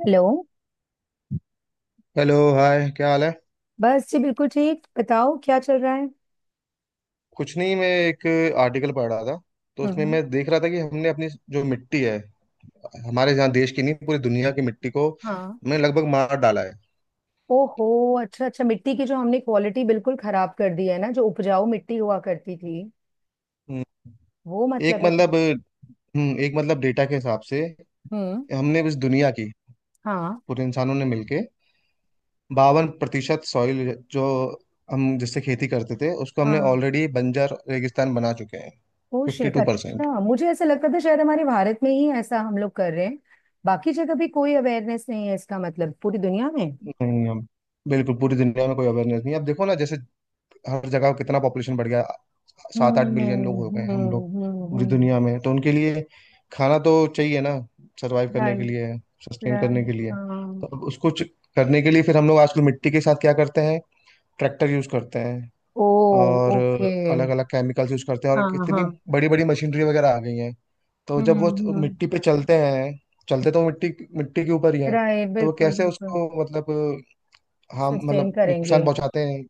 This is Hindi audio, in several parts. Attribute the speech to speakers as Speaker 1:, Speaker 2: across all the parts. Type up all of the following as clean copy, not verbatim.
Speaker 1: हेलो।
Speaker 2: हेलो, हाय, क्या हाल है।
Speaker 1: बस जी, बिल्कुल ठीक। बताओ, क्या चल रहा है?
Speaker 2: कुछ नहीं, मैं एक आर्टिकल पढ़ रहा था। तो उसमें
Speaker 1: हम्म।
Speaker 2: मैं देख रहा था कि हमने अपनी जो मिट्टी है हमारे यहाँ, देश की नहीं पूरी दुनिया की मिट्टी को
Speaker 1: हाँ।
Speaker 2: हमने लगभग मार डाला है।
Speaker 1: ओहो। अच्छा अच्छा, मिट्टी की जो हमने क्वालिटी बिल्कुल खराब कर दी है ना, जो उपजाऊ मिट्टी हुआ करती थी
Speaker 2: हम्म,
Speaker 1: वो।
Speaker 2: एक
Speaker 1: मतलब है।
Speaker 2: मतलब एक मतलब, डेटा के हिसाब से
Speaker 1: हम्म।
Speaker 2: हमने इस दुनिया की,
Speaker 1: हाँ
Speaker 2: पूरे इंसानों ने मिलके, 52% सॉइल जो हम जिससे खेती करते थे उसको हमने
Speaker 1: हाँ।
Speaker 2: ऑलरेडी बंजर रेगिस्तान बना चुके हैं।
Speaker 1: ओ
Speaker 2: फिफ्टी
Speaker 1: शिट।
Speaker 2: टू परसेंट
Speaker 1: अच्छा, मुझे ऐसा लगता था शायद हमारे भारत में ही ऐसा हम लोग कर रहे हैं। बाकी जगह भी कोई अवेयरनेस नहीं है, इसका मतलब पूरी दुनिया में।
Speaker 2: नहीं, हम बिल्कुल पूरी दुनिया में कोई अवेयरनेस नहीं है। अब देखो ना, जैसे हर जगह कितना पॉपुलेशन बढ़ गया। सात आठ मिलियन लोग हो गए
Speaker 1: हम्म।
Speaker 2: हम लोग पूरी
Speaker 1: हम्म।
Speaker 2: दुनिया में। तो उनके लिए खाना तो चाहिए ना, सरवाइव करने के
Speaker 1: राइट।
Speaker 2: लिए, सस्टेन
Speaker 1: राइट।
Speaker 2: करने के लिए।
Speaker 1: हाँ।
Speaker 2: तो अब उसको करने के लिए फिर हम लोग आजकल मिट्टी के साथ क्या करते हैं। ट्रैक्टर यूज करते हैं,
Speaker 1: ओ।
Speaker 2: और
Speaker 1: ओके।
Speaker 2: अलग अलग केमिकल्स यूज करते हैं, और
Speaker 1: हाँ
Speaker 2: कितनी
Speaker 1: हाँ।
Speaker 2: बड़ी बड़ी मशीनरी वगैरह आ गई हैं। तो जब वो
Speaker 1: हम्म।
Speaker 2: मिट्टी पे चलते हैं, चलते तो वो मिट्टी मिट्टी के ऊपर ही है।
Speaker 1: राइट,
Speaker 2: तो वो
Speaker 1: बिल्कुल
Speaker 2: कैसे
Speaker 1: बिल्कुल।
Speaker 2: उसको, मतलब हम,
Speaker 1: सस्टेन
Speaker 2: मतलब
Speaker 1: करेंगे।
Speaker 2: नुकसान पहुंचाते हैं।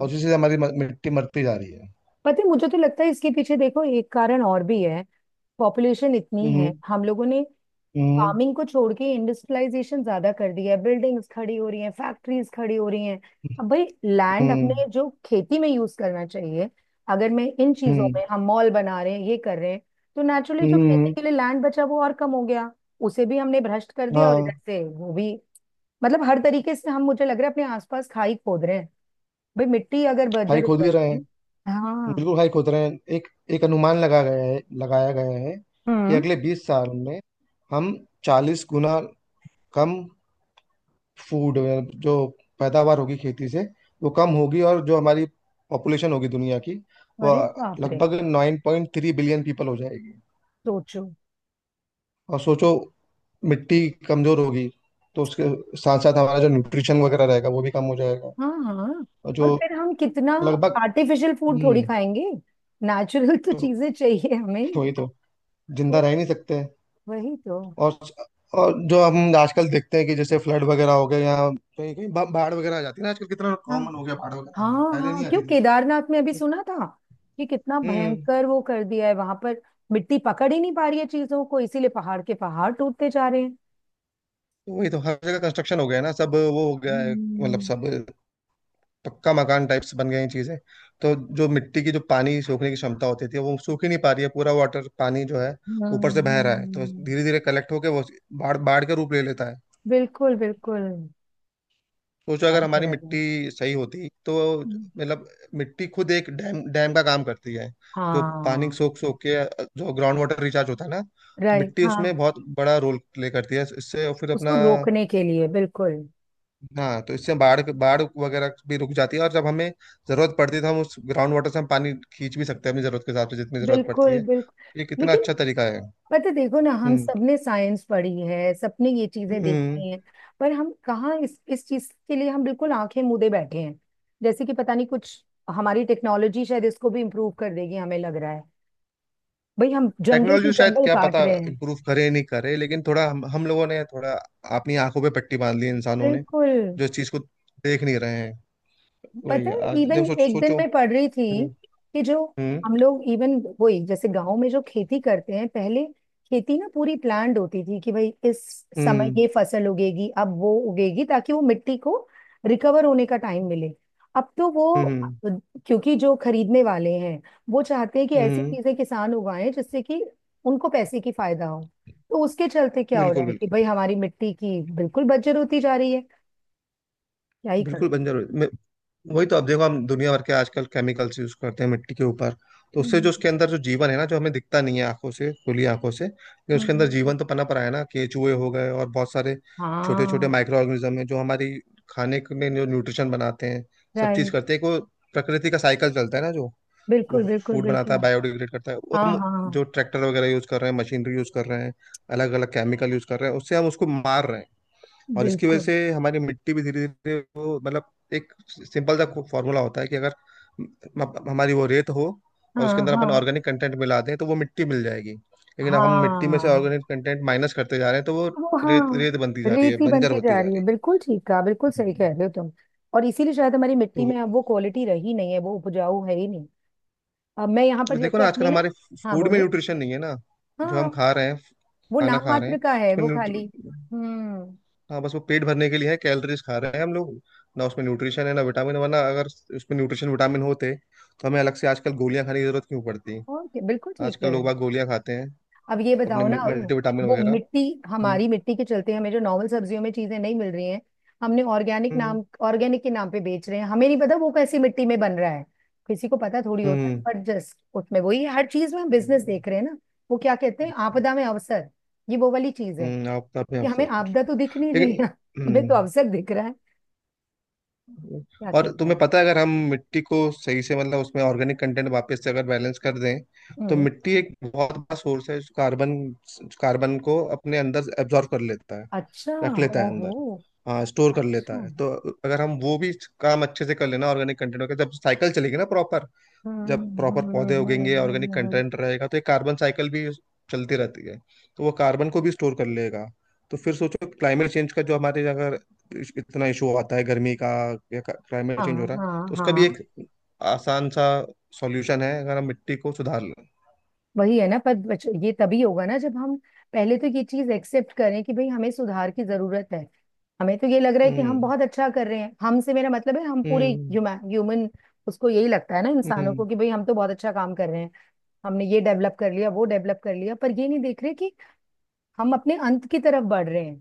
Speaker 2: और उसी से हमारी मिट्टी मरती जा रही है।
Speaker 1: पता है, मुझे तो लगता है इसके पीछे देखो एक कारण और भी है। पॉपुलेशन इतनी है,
Speaker 2: हम्म।
Speaker 1: हम लोगों ने
Speaker 2: हम्म।
Speaker 1: फार्मिंग को छोड़ के इंडस्ट्रियलाइजेशन ज्यादा कर दिया है, बिल्डिंग्स खड़ी हो रही हैं, फैक्ट्रीज खड़ी हो रही हैं। अब भाई लैंड
Speaker 2: हम्म।
Speaker 1: अपने जो खेती में यूज करना चाहिए, अगर मैं इन चीजों
Speaker 2: हम्म।
Speaker 1: में, हम मॉल बना रहे हैं, ये कर रहे हैं, तो नेचुरली जो खेती
Speaker 2: हम्म।
Speaker 1: के लिए लैंड बचा वो और कम हो गया। उसे भी हमने भ्रष्ट कर दिया और
Speaker 2: हाँ,
Speaker 1: इधर से वो भी। मतलब हर तरीके से हम, मुझे लग रहा है, अपने आसपास खाई खोद रहे हैं। भाई मिट्टी अगर
Speaker 2: हाई
Speaker 1: बंजर हो
Speaker 2: खोद ही रहे हैं,
Speaker 1: जाएगी। हाँ।
Speaker 2: बिल्कुल हाई खोद रहे हैं। एक एक अनुमान लगाया गया है कि
Speaker 1: हम्म।
Speaker 2: अगले 20 साल में हम 40 गुना कम फूड जो पैदावार होगी खेती से वो कम होगी, और जो हमारी पॉपुलेशन होगी दुनिया की वो
Speaker 1: अरे बाप रे।
Speaker 2: लगभग 9.3 बिलियन पीपल हो जाएगी।
Speaker 1: सोचो।
Speaker 2: और सोचो मिट्टी कमजोर होगी तो उसके साथ साथ हमारा जो न्यूट्रिशन वगैरह रहेगा वो भी कम हो जाएगा।
Speaker 1: हाँ हाँ।
Speaker 2: और
Speaker 1: और
Speaker 2: जो
Speaker 1: फिर हम कितना
Speaker 2: लगभग
Speaker 1: आर्टिफिशियल फूड थोड़ी
Speaker 2: हम्म
Speaker 1: खाएंगे। नेचुरल तो
Speaker 2: तो
Speaker 1: चीजें चाहिए हमें।
Speaker 2: तो वही तो जिंदा
Speaker 1: तो
Speaker 2: रह नहीं सकते।
Speaker 1: वही तो।
Speaker 2: और और जो हम आजकल देखते हैं कि जैसे फ्लड वगैरह हो गए या कहीं कहीं बाढ़ वगैरह आ जाती है ना, आजकल कितना
Speaker 1: हाँ
Speaker 2: कॉमन हो गया बाढ़ वगैरह
Speaker 1: हाँ
Speaker 2: आना। पहले
Speaker 1: हाँ।
Speaker 2: नहीं
Speaker 1: क्यों,
Speaker 2: आती थी।
Speaker 1: केदारनाथ में अभी सुना था कि कितना
Speaker 2: हम्म।
Speaker 1: भयंकर वो कर दिया है वहां पर। मिट्टी पकड़ ही नहीं पा रही है चीजों को, इसीलिए पहाड़ के पहाड़ टूटते जा रहे हैं।
Speaker 2: तो वही तो, हर जगह कंस्ट्रक्शन हो गया है ना, सब वो हो गया है, मतलब
Speaker 1: हम्म।
Speaker 2: सब पक्का मकान टाइप्स बन गए हैं चीजें। तो जो मिट्टी की, जो पानी सोखने की क्षमता होती थी, वो सूख ही नहीं पा रही है, पूरा वाटर पानी जो है ऊपर
Speaker 1: हम्म,
Speaker 2: से बह रहा है, तो
Speaker 1: हम्म,
Speaker 2: धीरे धीरे कलेक्ट होके वो बाढ़ बाढ़ का रूप ले लेता है।
Speaker 1: बिल्कुल बिल्कुल।
Speaker 2: सोचो अगर
Speaker 1: याद
Speaker 2: हमारी
Speaker 1: करेगा।
Speaker 2: मिट्टी सही होती तो,
Speaker 1: हम्म।
Speaker 2: मतलब मिट्टी खुद एक डैम डैम का काम करती है, जो पानी
Speaker 1: हाँ।
Speaker 2: सोख सोख के जो ग्राउंड वाटर रिचार्ज होता है ना, तो
Speaker 1: राइट,
Speaker 2: मिट्टी उसमें
Speaker 1: हाँ।
Speaker 2: बहुत बड़ा रोल प्ले करती है इससे। और फिर
Speaker 1: उसको
Speaker 2: अपना,
Speaker 1: रोकने के लिए बिल्कुल
Speaker 2: हाँ, तो इससे बाढ़ बाढ़ वगैरह भी रुक जाती है। और जब हमें जरूरत पड़ती है तो हम उस ग्राउंड वाटर से हम पानी खींच भी सकते हैं अपनी जरूरत के हिसाब से, जितनी जरूरत पड़ती
Speaker 1: बिल्कुल
Speaker 2: है। ये
Speaker 1: बिल्कुल।
Speaker 2: कितना
Speaker 1: लेकिन
Speaker 2: अच्छा तरीका है।
Speaker 1: पता है, देखो ना, हम
Speaker 2: हम्म।
Speaker 1: सबने साइंस पढ़ी है, सबने ये चीजें
Speaker 2: हम्म।
Speaker 1: देखी हैं। पर हम कहाँ, इस चीज के लिए हम बिल्कुल आंखें मूंदे बैठे हैं। जैसे कि पता नहीं कुछ, हमारी टेक्नोलॉजी शायद इसको भी इम्प्रूव कर देगी हमें लग रहा है। भाई हम जंगल के
Speaker 2: टेक्नोलॉजी शायद
Speaker 1: जंगल
Speaker 2: क्या
Speaker 1: काट
Speaker 2: पता
Speaker 1: रहे हैं।
Speaker 2: इम्प्रूव करे या नहीं करे, लेकिन थोड़ा हम लोगों ने थोड़ा अपनी आंखों पे पट्टी बांध ली है इंसानों ने,
Speaker 1: बिल्कुल।
Speaker 2: जो इस चीज को देख नहीं रहे हैं। वही
Speaker 1: पता
Speaker 2: है
Speaker 1: है
Speaker 2: आज,
Speaker 1: इवन
Speaker 2: देखो, सोचो
Speaker 1: एक दिन
Speaker 2: सोचो।
Speaker 1: मैं पढ़ रही थी
Speaker 2: हम्म।
Speaker 1: कि जो
Speaker 2: हम्म।
Speaker 1: हम लोग इवन वही, जैसे गांव में जो खेती करते हैं पहले, खेती ना पूरी प्लान्ड होती थी कि भाई इस समय
Speaker 2: हम्म।
Speaker 1: ये फसल उगेगी अब वो उगेगी ताकि वो मिट्टी को रिकवर होने का टाइम मिले। अब तो वो,
Speaker 2: हम्म।
Speaker 1: क्योंकि जो खरीदने वाले हैं वो चाहते हैं कि ऐसी
Speaker 2: हम्म।
Speaker 1: चीजें किसान उगाएं जिससे कि उनको पैसे की फायदा हो। तो उसके चलते क्या हो रहा
Speaker 2: बिल्कुल,
Speaker 1: है कि भाई
Speaker 2: बिल्कुल।
Speaker 1: हमारी मिट्टी की बिल्कुल बंजर होती जा रही है। क्या ही
Speaker 2: बिल्कुल
Speaker 1: करो।
Speaker 2: बंजर हो वही तो, अब देखो हम दुनिया भर के आजकल केमिकल्स यूज करते हैं मिट्टी के ऊपर, तो उससे जो
Speaker 1: हम्म,
Speaker 2: उसके अंदर जो जीवन है ना, जो हमें दिखता नहीं है आंखों से, खुली आंखों से, लेकिन उसके अंदर
Speaker 1: हम्म,
Speaker 2: जीवन तो पनप रहा है ना, केचुए हो गए और बहुत सारे छोटे छोटे
Speaker 1: हाँ।
Speaker 2: माइक्रो ऑर्गेनिज्म है जो हमारी खाने के में जो न्यूट्रिशन बनाते हैं, सब चीज
Speaker 1: राइट,
Speaker 2: करते हैं को, प्रकृति का साइकिल चलता है ना, जो वो
Speaker 1: बिल्कुल बिल्कुल
Speaker 2: फूड बनाता
Speaker 1: बिल्कुल।
Speaker 2: है, बायोडिग्रेड करता है, वो
Speaker 1: हाँ
Speaker 2: हम
Speaker 1: हाँ।
Speaker 2: जो ट्रैक्टर वगैरह यूज कर रहे हैं, मशीनरी यूज कर रहे हैं, अलग अलग केमिकल यूज कर रहे हैं, उससे हम उसको मार रहे हैं। और इसकी वजह
Speaker 1: बिल्कुल।
Speaker 2: से हमारी मिट्टी भी धीरे धीरे वो, मतलब, एक सिंपल सा फॉर्मूला होता है, कि अगर हमारी वो रेत हो और
Speaker 1: हाँ
Speaker 2: उसके अंदर अपन
Speaker 1: हाँ।
Speaker 2: ऑर्गेनिक कंटेंट मिला दें तो वो मिट्टी मिल जाएगी, लेकिन अब हम मिट्टी में से
Speaker 1: हाँ,
Speaker 2: ऑर्गेनिक कंटेंट माइनस करते जा रहे हैं तो वो
Speaker 1: वो
Speaker 2: रेत
Speaker 1: हाँ।
Speaker 2: रेत बनती जा रही है,
Speaker 1: रेती
Speaker 2: बंजर
Speaker 1: बनती
Speaker 2: होती
Speaker 1: जा
Speaker 2: जा
Speaker 1: रही
Speaker 2: रही
Speaker 1: है,
Speaker 2: है।
Speaker 1: बिल्कुल ठीक कहा, बिल्कुल सही
Speaker 2: हम्म।
Speaker 1: कह रहे हो तुम। और इसीलिए शायद हमारी मिट्टी
Speaker 2: तो
Speaker 1: में अब वो क्वालिटी रही नहीं है, वो उपजाऊ है ही नहीं। अब मैं यहाँ पर
Speaker 2: देखो
Speaker 1: जैसे
Speaker 2: ना, आजकल
Speaker 1: अपने ना।
Speaker 2: हमारे
Speaker 1: हाँ
Speaker 2: फूड में
Speaker 1: बोलो।
Speaker 2: न्यूट्रिशन नहीं है ना, जो हम
Speaker 1: हाँ।
Speaker 2: खा रहे हैं,
Speaker 1: वो
Speaker 2: खाना
Speaker 1: नाम
Speaker 2: खा रहे हैं
Speaker 1: मात्र का है,
Speaker 2: उसमें,
Speaker 1: वो खाली। हम्म।
Speaker 2: हाँ, बस वो पेट भरने के लिए है, कैलोरीज खा रहे हैं हम लोग, ना उसमें न्यूट्रिशन है ना विटामिन, वरना अगर उसमें न्यूट्रिशन विटामिन होते तो हमें अलग से आजकल गोलियां खाने की जरूरत क्यों पड़ती।
Speaker 1: ओके, बिल्कुल ठीक
Speaker 2: आजकल
Speaker 1: है।
Speaker 2: लोग बाग गोलियां खाते हैं,
Speaker 1: अब ये
Speaker 2: अपने
Speaker 1: बताओ ना
Speaker 2: मल्टी
Speaker 1: वो
Speaker 2: विटामिन
Speaker 1: वो
Speaker 2: वगैरह।
Speaker 1: मिट्टी,
Speaker 2: हम्म।
Speaker 1: हमारी मिट्टी के चलते हमें जो नॉर्मल सब्जियों में चीजें नहीं मिल रही हैं। हमने ऑर्गेनिक
Speaker 2: हम्म।
Speaker 1: नाम, ऑर्गेनिक के नाम पे बेच रहे हैं, हमें नहीं पता वो कैसी मिट्टी में बन रहा है। किसी को पता थोड़ी होता है,
Speaker 2: हम्म।
Speaker 1: बट जस्ट उसमें वही, हर चीज में हम बिजनेस
Speaker 2: हम्म।
Speaker 1: देख रहे हैं ना। वो क्या कहते हैं,
Speaker 2: हम्म।
Speaker 1: आपदा में अवसर। ये वो वाली चीज है
Speaker 2: हम्म। आप हैं,
Speaker 1: कि
Speaker 2: आप सर।
Speaker 1: हमें आपदा तो दिख नहीं रही
Speaker 2: लेकिन
Speaker 1: है, हमें
Speaker 2: हम्म
Speaker 1: तो अवसर दिख रहा है। क्या
Speaker 2: और
Speaker 1: किया
Speaker 2: तुम्हें
Speaker 1: जाए।
Speaker 2: पता है अगर हम मिट्टी को सही से, मतलब उसमें ऑर्गेनिक कंटेंट वापस से अगर बैलेंस कर दें तो
Speaker 1: हम्म।
Speaker 2: मिट्टी एक बहुत बड़ा सोर्स है, जो कार्बन कार्बन को अपने अंदर एब्जॉर्ब कर लेता है,
Speaker 1: अच्छा।
Speaker 2: रख लेता है अंदर,
Speaker 1: ओहो।
Speaker 2: हाँ, स्टोर कर लेता
Speaker 1: अच्छा।
Speaker 2: है। तो अगर हम वो भी काम अच्छे से कर लेना ऑर्गेनिक कंटेंट का, जब साइकिल चलेगी ना प्रॉपर, जब
Speaker 1: हम्म,
Speaker 2: प्रॉपर
Speaker 1: हम्म, हम्म,
Speaker 2: पौधे
Speaker 1: हम्म, हम्म।
Speaker 2: उगेंगे,
Speaker 1: हम्म, हम्म,
Speaker 2: ऑर्गेनिक
Speaker 1: हम्म, हम्म, हम्म, हम्म,
Speaker 2: कंटेंट रहेगा, तो एक कार्बन साइकिल भी चलती रहती है, तो वो कार्बन को भी स्टोर कर लेगा। तो फिर सोचो, क्लाइमेट चेंज का जो हमारे, अगर इतना इशू आता है गर्मी का, या क्लाइमेट
Speaker 1: हाँ
Speaker 2: चेंज हो रहा है, तो
Speaker 1: हाँ
Speaker 2: उसका भी
Speaker 1: हाँ।
Speaker 2: एक आसान सा सॉल्यूशन है, अगर हम मिट्टी को सुधार लें।
Speaker 1: वही है ना, पर ये तभी होगा ना जब हम पहले तो ये चीज एक्सेप्ट करें कि भाई हमें सुधार की जरूरत है। हमें तो ये लग रहा है कि हम
Speaker 2: हम्म।
Speaker 1: बहुत अच्छा कर रहे हैं, हमसे मेरा मतलब है हम पूरे
Speaker 2: हम्म।
Speaker 1: ह्यूमन, उसको यही लगता है ना इंसानों
Speaker 2: हम्म।
Speaker 1: को कि भाई हम तो बहुत अच्छा काम कर रहे हैं, हमने ये डेवलप कर लिया वो डेवलप कर लिया, पर ये नहीं देख रहे कि हम अपने अंत की तरफ बढ़ रहे हैं।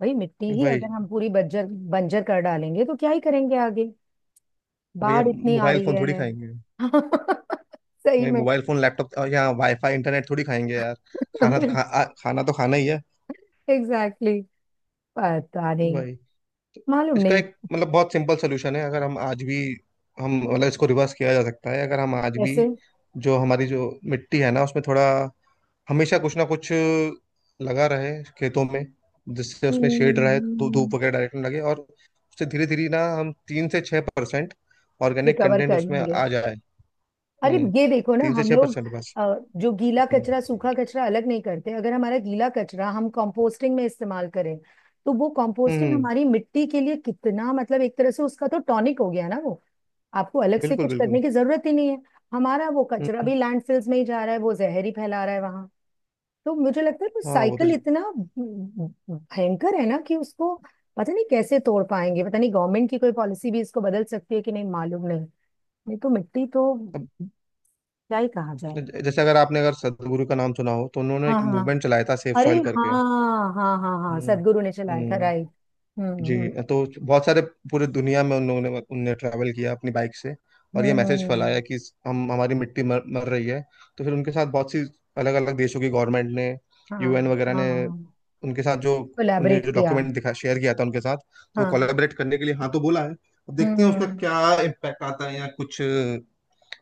Speaker 1: भाई मिट्टी ही
Speaker 2: वही,
Speaker 1: अगर हम पूरी बंजर बंजर कर डालेंगे तो क्या ही करेंगे आगे।
Speaker 2: वही।
Speaker 1: बाढ़
Speaker 2: अब
Speaker 1: इतनी आ
Speaker 2: मोबाइल
Speaker 1: रही
Speaker 2: फोन थोड़ी
Speaker 1: है।
Speaker 2: खाएंगे।
Speaker 1: सही
Speaker 2: वही,
Speaker 1: में।
Speaker 2: मोबाइल फोन, लैपटॉप या वाईफाई इंटरनेट थोड़ी खाएंगे यार। खाना तो खाना तो खाना ही है।
Speaker 1: एग्जैक्टली। पता नहीं।
Speaker 2: वही।
Speaker 1: मालूम
Speaker 2: इसका
Speaker 1: नहीं
Speaker 2: एक मतलब बहुत सिंपल सोल्यूशन है अगर हम आज भी, हम मतलब इसको रिवर्स किया जा सकता है, अगर हम आज भी
Speaker 1: कैसे।
Speaker 2: जो हमारी जो मिट्टी है ना उसमें थोड़ा हमेशा कुछ ना कुछ लगा रहे खेतों में, जिससे उसमें शेड रहे, धूप
Speaker 1: हम्म।
Speaker 2: वगैरह डायरेक्ट ना लगे, और उससे धीरे धीरे ना हम 3 से 6% ऑर्गेनिक
Speaker 1: रिकवर
Speaker 2: कंटेंट
Speaker 1: कर
Speaker 2: उसमें
Speaker 1: लेंगे।
Speaker 2: आ जाए।
Speaker 1: अरे
Speaker 2: हम्म।
Speaker 1: ये देखो ना
Speaker 2: तीन से
Speaker 1: हम
Speaker 2: छः
Speaker 1: लोग,
Speaker 2: परसेंट बस।
Speaker 1: जो गीला
Speaker 2: हम्म।
Speaker 1: कचरा सूखा कचरा अलग नहीं करते, अगर हमारा गीला कचरा हम कंपोस्टिंग में इस्तेमाल करें, तो वो कंपोस्टिंग
Speaker 2: हम्म।
Speaker 1: हमारी मिट्टी के लिए कितना, मतलब एक तरह से उसका तो टॉनिक हो गया ना वो। आपको अलग से
Speaker 2: बिल्कुल,
Speaker 1: कुछ
Speaker 2: बिल्कुल।
Speaker 1: करने की जरूरत ही नहीं है। हमारा वो कचरा
Speaker 2: हम्म।
Speaker 1: भी लैंडफिल्स में ही जा रहा है, वो जहर ही फैला रहा है वहां। तो मुझे लगता है वो
Speaker 2: हाँ, वो तो
Speaker 1: साइकिल इतना भयंकर है ना कि उसको पता नहीं कैसे तोड़ पाएंगे, पता नहीं गवर्नमेंट की कोई पॉलिसी भी इसको बदल सकती है कि नहीं, मालूम नहीं। नहीं तो मिट्टी तो
Speaker 2: अब
Speaker 1: क्या ही कहा जाए।
Speaker 2: जैसे अगर आपने, अगर सदगुरु का नाम सुना हो तो उन्होंने
Speaker 1: हाँ
Speaker 2: एक
Speaker 1: हाँ।
Speaker 2: मूवमेंट चलाया था, सेफ
Speaker 1: अरे।
Speaker 2: सॉइल करके।
Speaker 1: हाँ हाँ हाँ हाँ,
Speaker 2: हम्म।
Speaker 1: सदगुरु ने चलाया था
Speaker 2: हम्म।
Speaker 1: राइट। हम्म।
Speaker 2: जी, तो बहुत सारे पूरे दुनिया में उन लोगों ने, उनने ट्रैवल किया अपनी बाइक से और ये
Speaker 1: हम्म,
Speaker 2: मैसेज
Speaker 1: हम्म,
Speaker 2: फैलाया कि हम हमारी मिट्टी मर रही है। तो फिर उनके साथ बहुत सी अलग अलग देशों की गवर्नमेंट ने,
Speaker 1: हाँ
Speaker 2: यूएन वगैरह ने,
Speaker 1: हाँ।
Speaker 2: उनके साथ जो उनने
Speaker 1: कोलैबोरेट
Speaker 2: जो
Speaker 1: किया।
Speaker 2: डॉक्यूमेंट दिखा शेयर किया था उनके साथ, तो
Speaker 1: हाँ।
Speaker 2: कोलैबोरेट करने के लिए, हाँ तो बोला है। अब
Speaker 1: हम्म
Speaker 2: देखते हैं उसका
Speaker 1: हम्म।
Speaker 2: क्या इम्पैक्ट आता है, या कुछ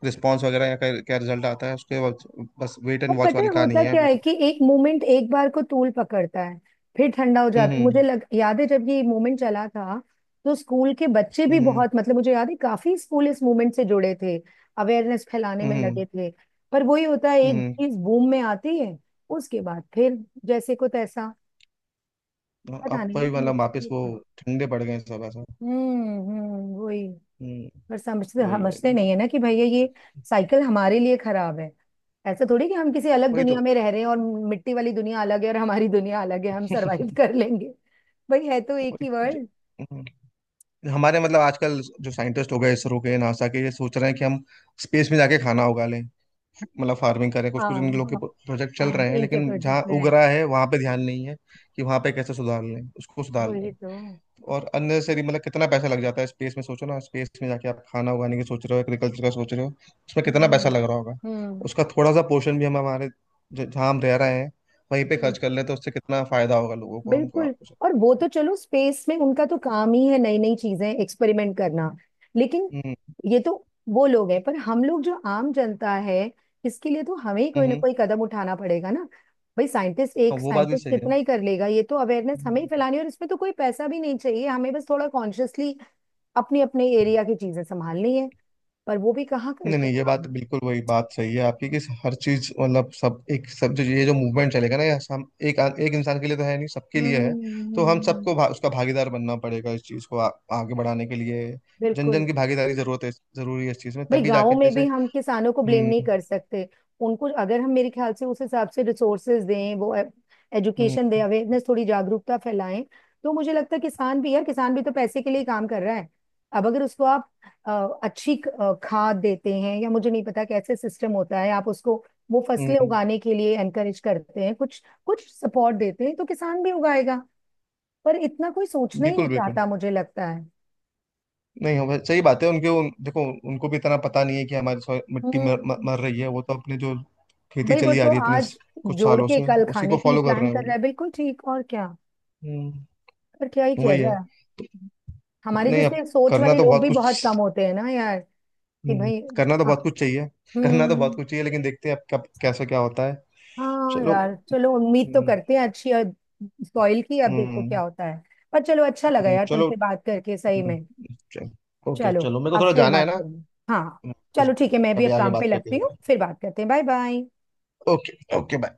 Speaker 2: रिस्पॉन्स वगैरह, या क्या रिजल्ट आता है उसके बाद। बस वेट एंड
Speaker 1: और
Speaker 2: वॉच
Speaker 1: पता है
Speaker 2: वाली कहानी
Speaker 1: होता
Speaker 2: है
Speaker 1: क्या
Speaker 2: अभी
Speaker 1: है
Speaker 2: तो।
Speaker 1: कि एक मोमेंट एक बार को तूल पकड़ता है, फिर ठंडा हो जाता है।
Speaker 2: हम्म।
Speaker 1: मुझे लग, याद है जब ये मोमेंट चला था तो स्कूल के बच्चे
Speaker 2: हम्म।
Speaker 1: भी
Speaker 2: हम्म।
Speaker 1: बहुत, मतलब मुझे याद है काफी स्कूल इस मूवमेंट से जुड़े थे, अवेयरनेस फैलाने में
Speaker 2: हम्म।
Speaker 1: लगे थे। पर वही होता है,
Speaker 2: हम्म।
Speaker 1: एक
Speaker 2: हम्म।
Speaker 1: चीज बूम में आती है, उसके बाद फिर जैसे को तैसा। पता
Speaker 2: अब वही,
Speaker 1: नहीं
Speaker 2: मतलब
Speaker 1: नेक्स्ट।
Speaker 2: वापस वो ठंडे पड़ गए हैं सब, ऐसा।
Speaker 1: हम्म, वही।
Speaker 2: हम्म।
Speaker 1: पर समझते
Speaker 2: वही है
Speaker 1: समझते नहीं है
Speaker 2: ठीक।
Speaker 1: ना कि भैया ये साइकिल हमारे लिए खराब है। ऐसा थोड़ी कि हम किसी अलग
Speaker 2: वही
Speaker 1: दुनिया
Speaker 2: तो
Speaker 1: में रह रहे हैं और मिट्टी वाली दुनिया अलग है और हमारी दुनिया अलग है, हम सरवाइव कर लेंगे। भाई है तो एक
Speaker 2: वही
Speaker 1: ही
Speaker 2: तो,
Speaker 1: वर्ल्ड।
Speaker 2: हम्म, हमारे मतलब आजकल जो साइंटिस्ट हो गए, इसरो के, नासा के, ये सोच रहे हैं कि हम स्पेस में जाके खाना उगा लें, मतलब फार्मिंग करें। कुछ कुछ
Speaker 1: हाँ
Speaker 2: इन लोग के
Speaker 1: हाँ
Speaker 2: प्रोजेक्ट चल
Speaker 1: हाँ,
Speaker 2: रहे हैं,
Speaker 1: इनके
Speaker 2: लेकिन जहाँ
Speaker 1: प्रोजेक्ट में
Speaker 2: उग
Speaker 1: है।
Speaker 2: रहा है वहां पे ध्यान नहीं है, कि वहां पे कैसे सुधार लें उसको, सुधार
Speaker 1: वही
Speaker 2: लें।
Speaker 1: तो।
Speaker 2: और अननेसेसरी, मतलब कितना पैसा लग जाता है स्पेस में, सोचो ना, स्पेस में जाके आप खाना उगाने की सोच रहे हो, एग्रीकल्चर का सोच रहे हो, उसमें
Speaker 1: हम्म
Speaker 2: कितना पैसा लग रहा होगा।
Speaker 1: हम्म।
Speaker 2: उसका थोड़ा सा पोर्शन भी हम हमारे जहाँ हम रह रहे हैं, वहीं पे खर्च कर लें तो उससे कितना फायदा होगा लोगों को, हमको,
Speaker 1: बिल्कुल।
Speaker 2: आपको,
Speaker 1: और
Speaker 2: सबको।
Speaker 1: वो तो चलो स्पेस में उनका तो काम ही है नई नई चीजें एक्सपेरिमेंट करना, लेकिन
Speaker 2: हम्म।
Speaker 1: ये तो, वो लोग हैं पर हम लोग जो आम जनता है, इसके लिए तो हमें ही
Speaker 2: हम्म।
Speaker 1: कोई
Speaker 2: हम्म।
Speaker 1: ना कोई कदम उठाना पड़ेगा ना। भाई साइंटिस्ट,
Speaker 2: हाँ,
Speaker 1: एक
Speaker 2: वो बात भी
Speaker 1: साइंटिस्ट
Speaker 2: सही
Speaker 1: कितना ही कर लेगा, ये तो अवेयरनेस
Speaker 2: है।
Speaker 1: हमें ही फैलानी है, और इसमें तो कोई पैसा भी नहीं चाहिए हमें, बस थोड़ा कॉन्शियसली अपने अपने एरिया की चीजें संभालनी है। पर वो भी कहाँ
Speaker 2: नहीं
Speaker 1: करते
Speaker 2: नहीं,
Speaker 1: हैं
Speaker 2: ये बात
Speaker 1: हम।
Speaker 2: बिल्कुल, वही बात सही है आपकी, कि हर चीज मतलब, सब, एक सब जो ये जो मूवमेंट चलेगा ना, ये हम एक एक इंसान के लिए तो है नहीं, सबके लिए है।
Speaker 1: हम्म
Speaker 2: तो हम सबको
Speaker 1: हम्म,
Speaker 2: उसका भागीदार बनना पड़ेगा, इस चीज को आगे बढ़ाने के लिए। जन
Speaker 1: बिल्कुल।
Speaker 2: जन की भागीदारी, जरूरत है, जरूरी है इस चीज में,
Speaker 1: भाई
Speaker 2: तभी
Speaker 1: गांवों
Speaker 2: जाके
Speaker 1: में
Speaker 2: जैसे।
Speaker 1: भी हम किसानों को ब्लेम नहीं
Speaker 2: हम्म।
Speaker 1: कर सकते। उनको अगर हम, मेरे ख्याल से उस हिसाब से रिसोर्सेज दें, वो एजुकेशन
Speaker 2: हम्म।
Speaker 1: दें, अवेयरनेस, थोड़ी जागरूकता फैलाएं, तो मुझे लगता है किसान भी, यार किसान भी तो पैसे के लिए ही काम कर रहा है। अब अगर उसको आप अच्छी खाद देते हैं या मुझे नहीं पता कैसे सिस्टम होता है, आप उसको वो फसलें
Speaker 2: हम्म।
Speaker 1: उगाने के लिए एनकरेज करते हैं, कुछ कुछ सपोर्ट देते हैं, तो किसान भी उगाएगा। पर इतना कोई सोचना ही
Speaker 2: बिल्कुल,
Speaker 1: नहीं
Speaker 2: बिल्कुल।
Speaker 1: चाहता मुझे लगता है।
Speaker 2: नहीं, हम सही बात है, उनके देखो, उनको भी इतना पता नहीं है कि हमारी मिट्टी
Speaker 1: हम्म।
Speaker 2: मर, मर मर रही है, वो तो अपने जो खेती
Speaker 1: भाई वो
Speaker 2: चली आ
Speaker 1: तो
Speaker 2: रही है इतने
Speaker 1: आज
Speaker 2: कुछ
Speaker 1: जोड़
Speaker 2: सालों
Speaker 1: के
Speaker 2: से
Speaker 1: कल
Speaker 2: उसी को
Speaker 1: खाने की
Speaker 2: फॉलो कर रहे
Speaker 1: प्लान
Speaker 2: हैं वो
Speaker 1: कर रहा
Speaker 2: लोग।
Speaker 1: है, बिल्कुल ठीक, और क्या।
Speaker 2: हम्म।
Speaker 1: पर क्या ही किया
Speaker 2: वही है।
Speaker 1: जाए। हमारे
Speaker 2: नहीं, अब
Speaker 1: जैसे सोच
Speaker 2: करना
Speaker 1: वाले
Speaker 2: तो
Speaker 1: लोग
Speaker 2: बहुत
Speaker 1: भी बहुत कम
Speaker 2: कुछ,
Speaker 1: होते हैं ना यार। कि भाई
Speaker 2: करना तो
Speaker 1: हाँ।
Speaker 2: बहुत कुछ चाहिए। करना तो बहुत
Speaker 1: हम्म।
Speaker 2: कुछ चाहिए, लेकिन देखते हैं अब कब कैसा क्या होता है।
Speaker 1: हाँ
Speaker 2: चलो।
Speaker 1: यार चलो, उम्मीद तो
Speaker 2: हम्म।
Speaker 1: करते हैं अच्छी सॉइल की, अब देखो
Speaker 2: हम्म।
Speaker 1: क्या होता है। पर चलो, अच्छा लगा
Speaker 2: हम्म।
Speaker 1: यार
Speaker 2: चलो।
Speaker 1: तुमसे बात करके, सही
Speaker 2: हम्म।
Speaker 1: में।
Speaker 2: चल। ओके,
Speaker 1: चलो
Speaker 2: चलो, मेरे को
Speaker 1: अब
Speaker 2: थोड़ा
Speaker 1: फिर
Speaker 2: जाना है ना।
Speaker 1: बात
Speaker 2: हम्म।
Speaker 1: करेंगे। हाँ।
Speaker 2: इस-
Speaker 1: चलो ठीक है, मैं भी
Speaker 2: कभी
Speaker 1: अब
Speaker 2: आगे
Speaker 1: काम पे
Speaker 2: बात करते
Speaker 1: लगती
Speaker 2: हैं।
Speaker 1: हूँ, फिर बात करते हैं, bye bye.
Speaker 2: Okay. Okay, bye.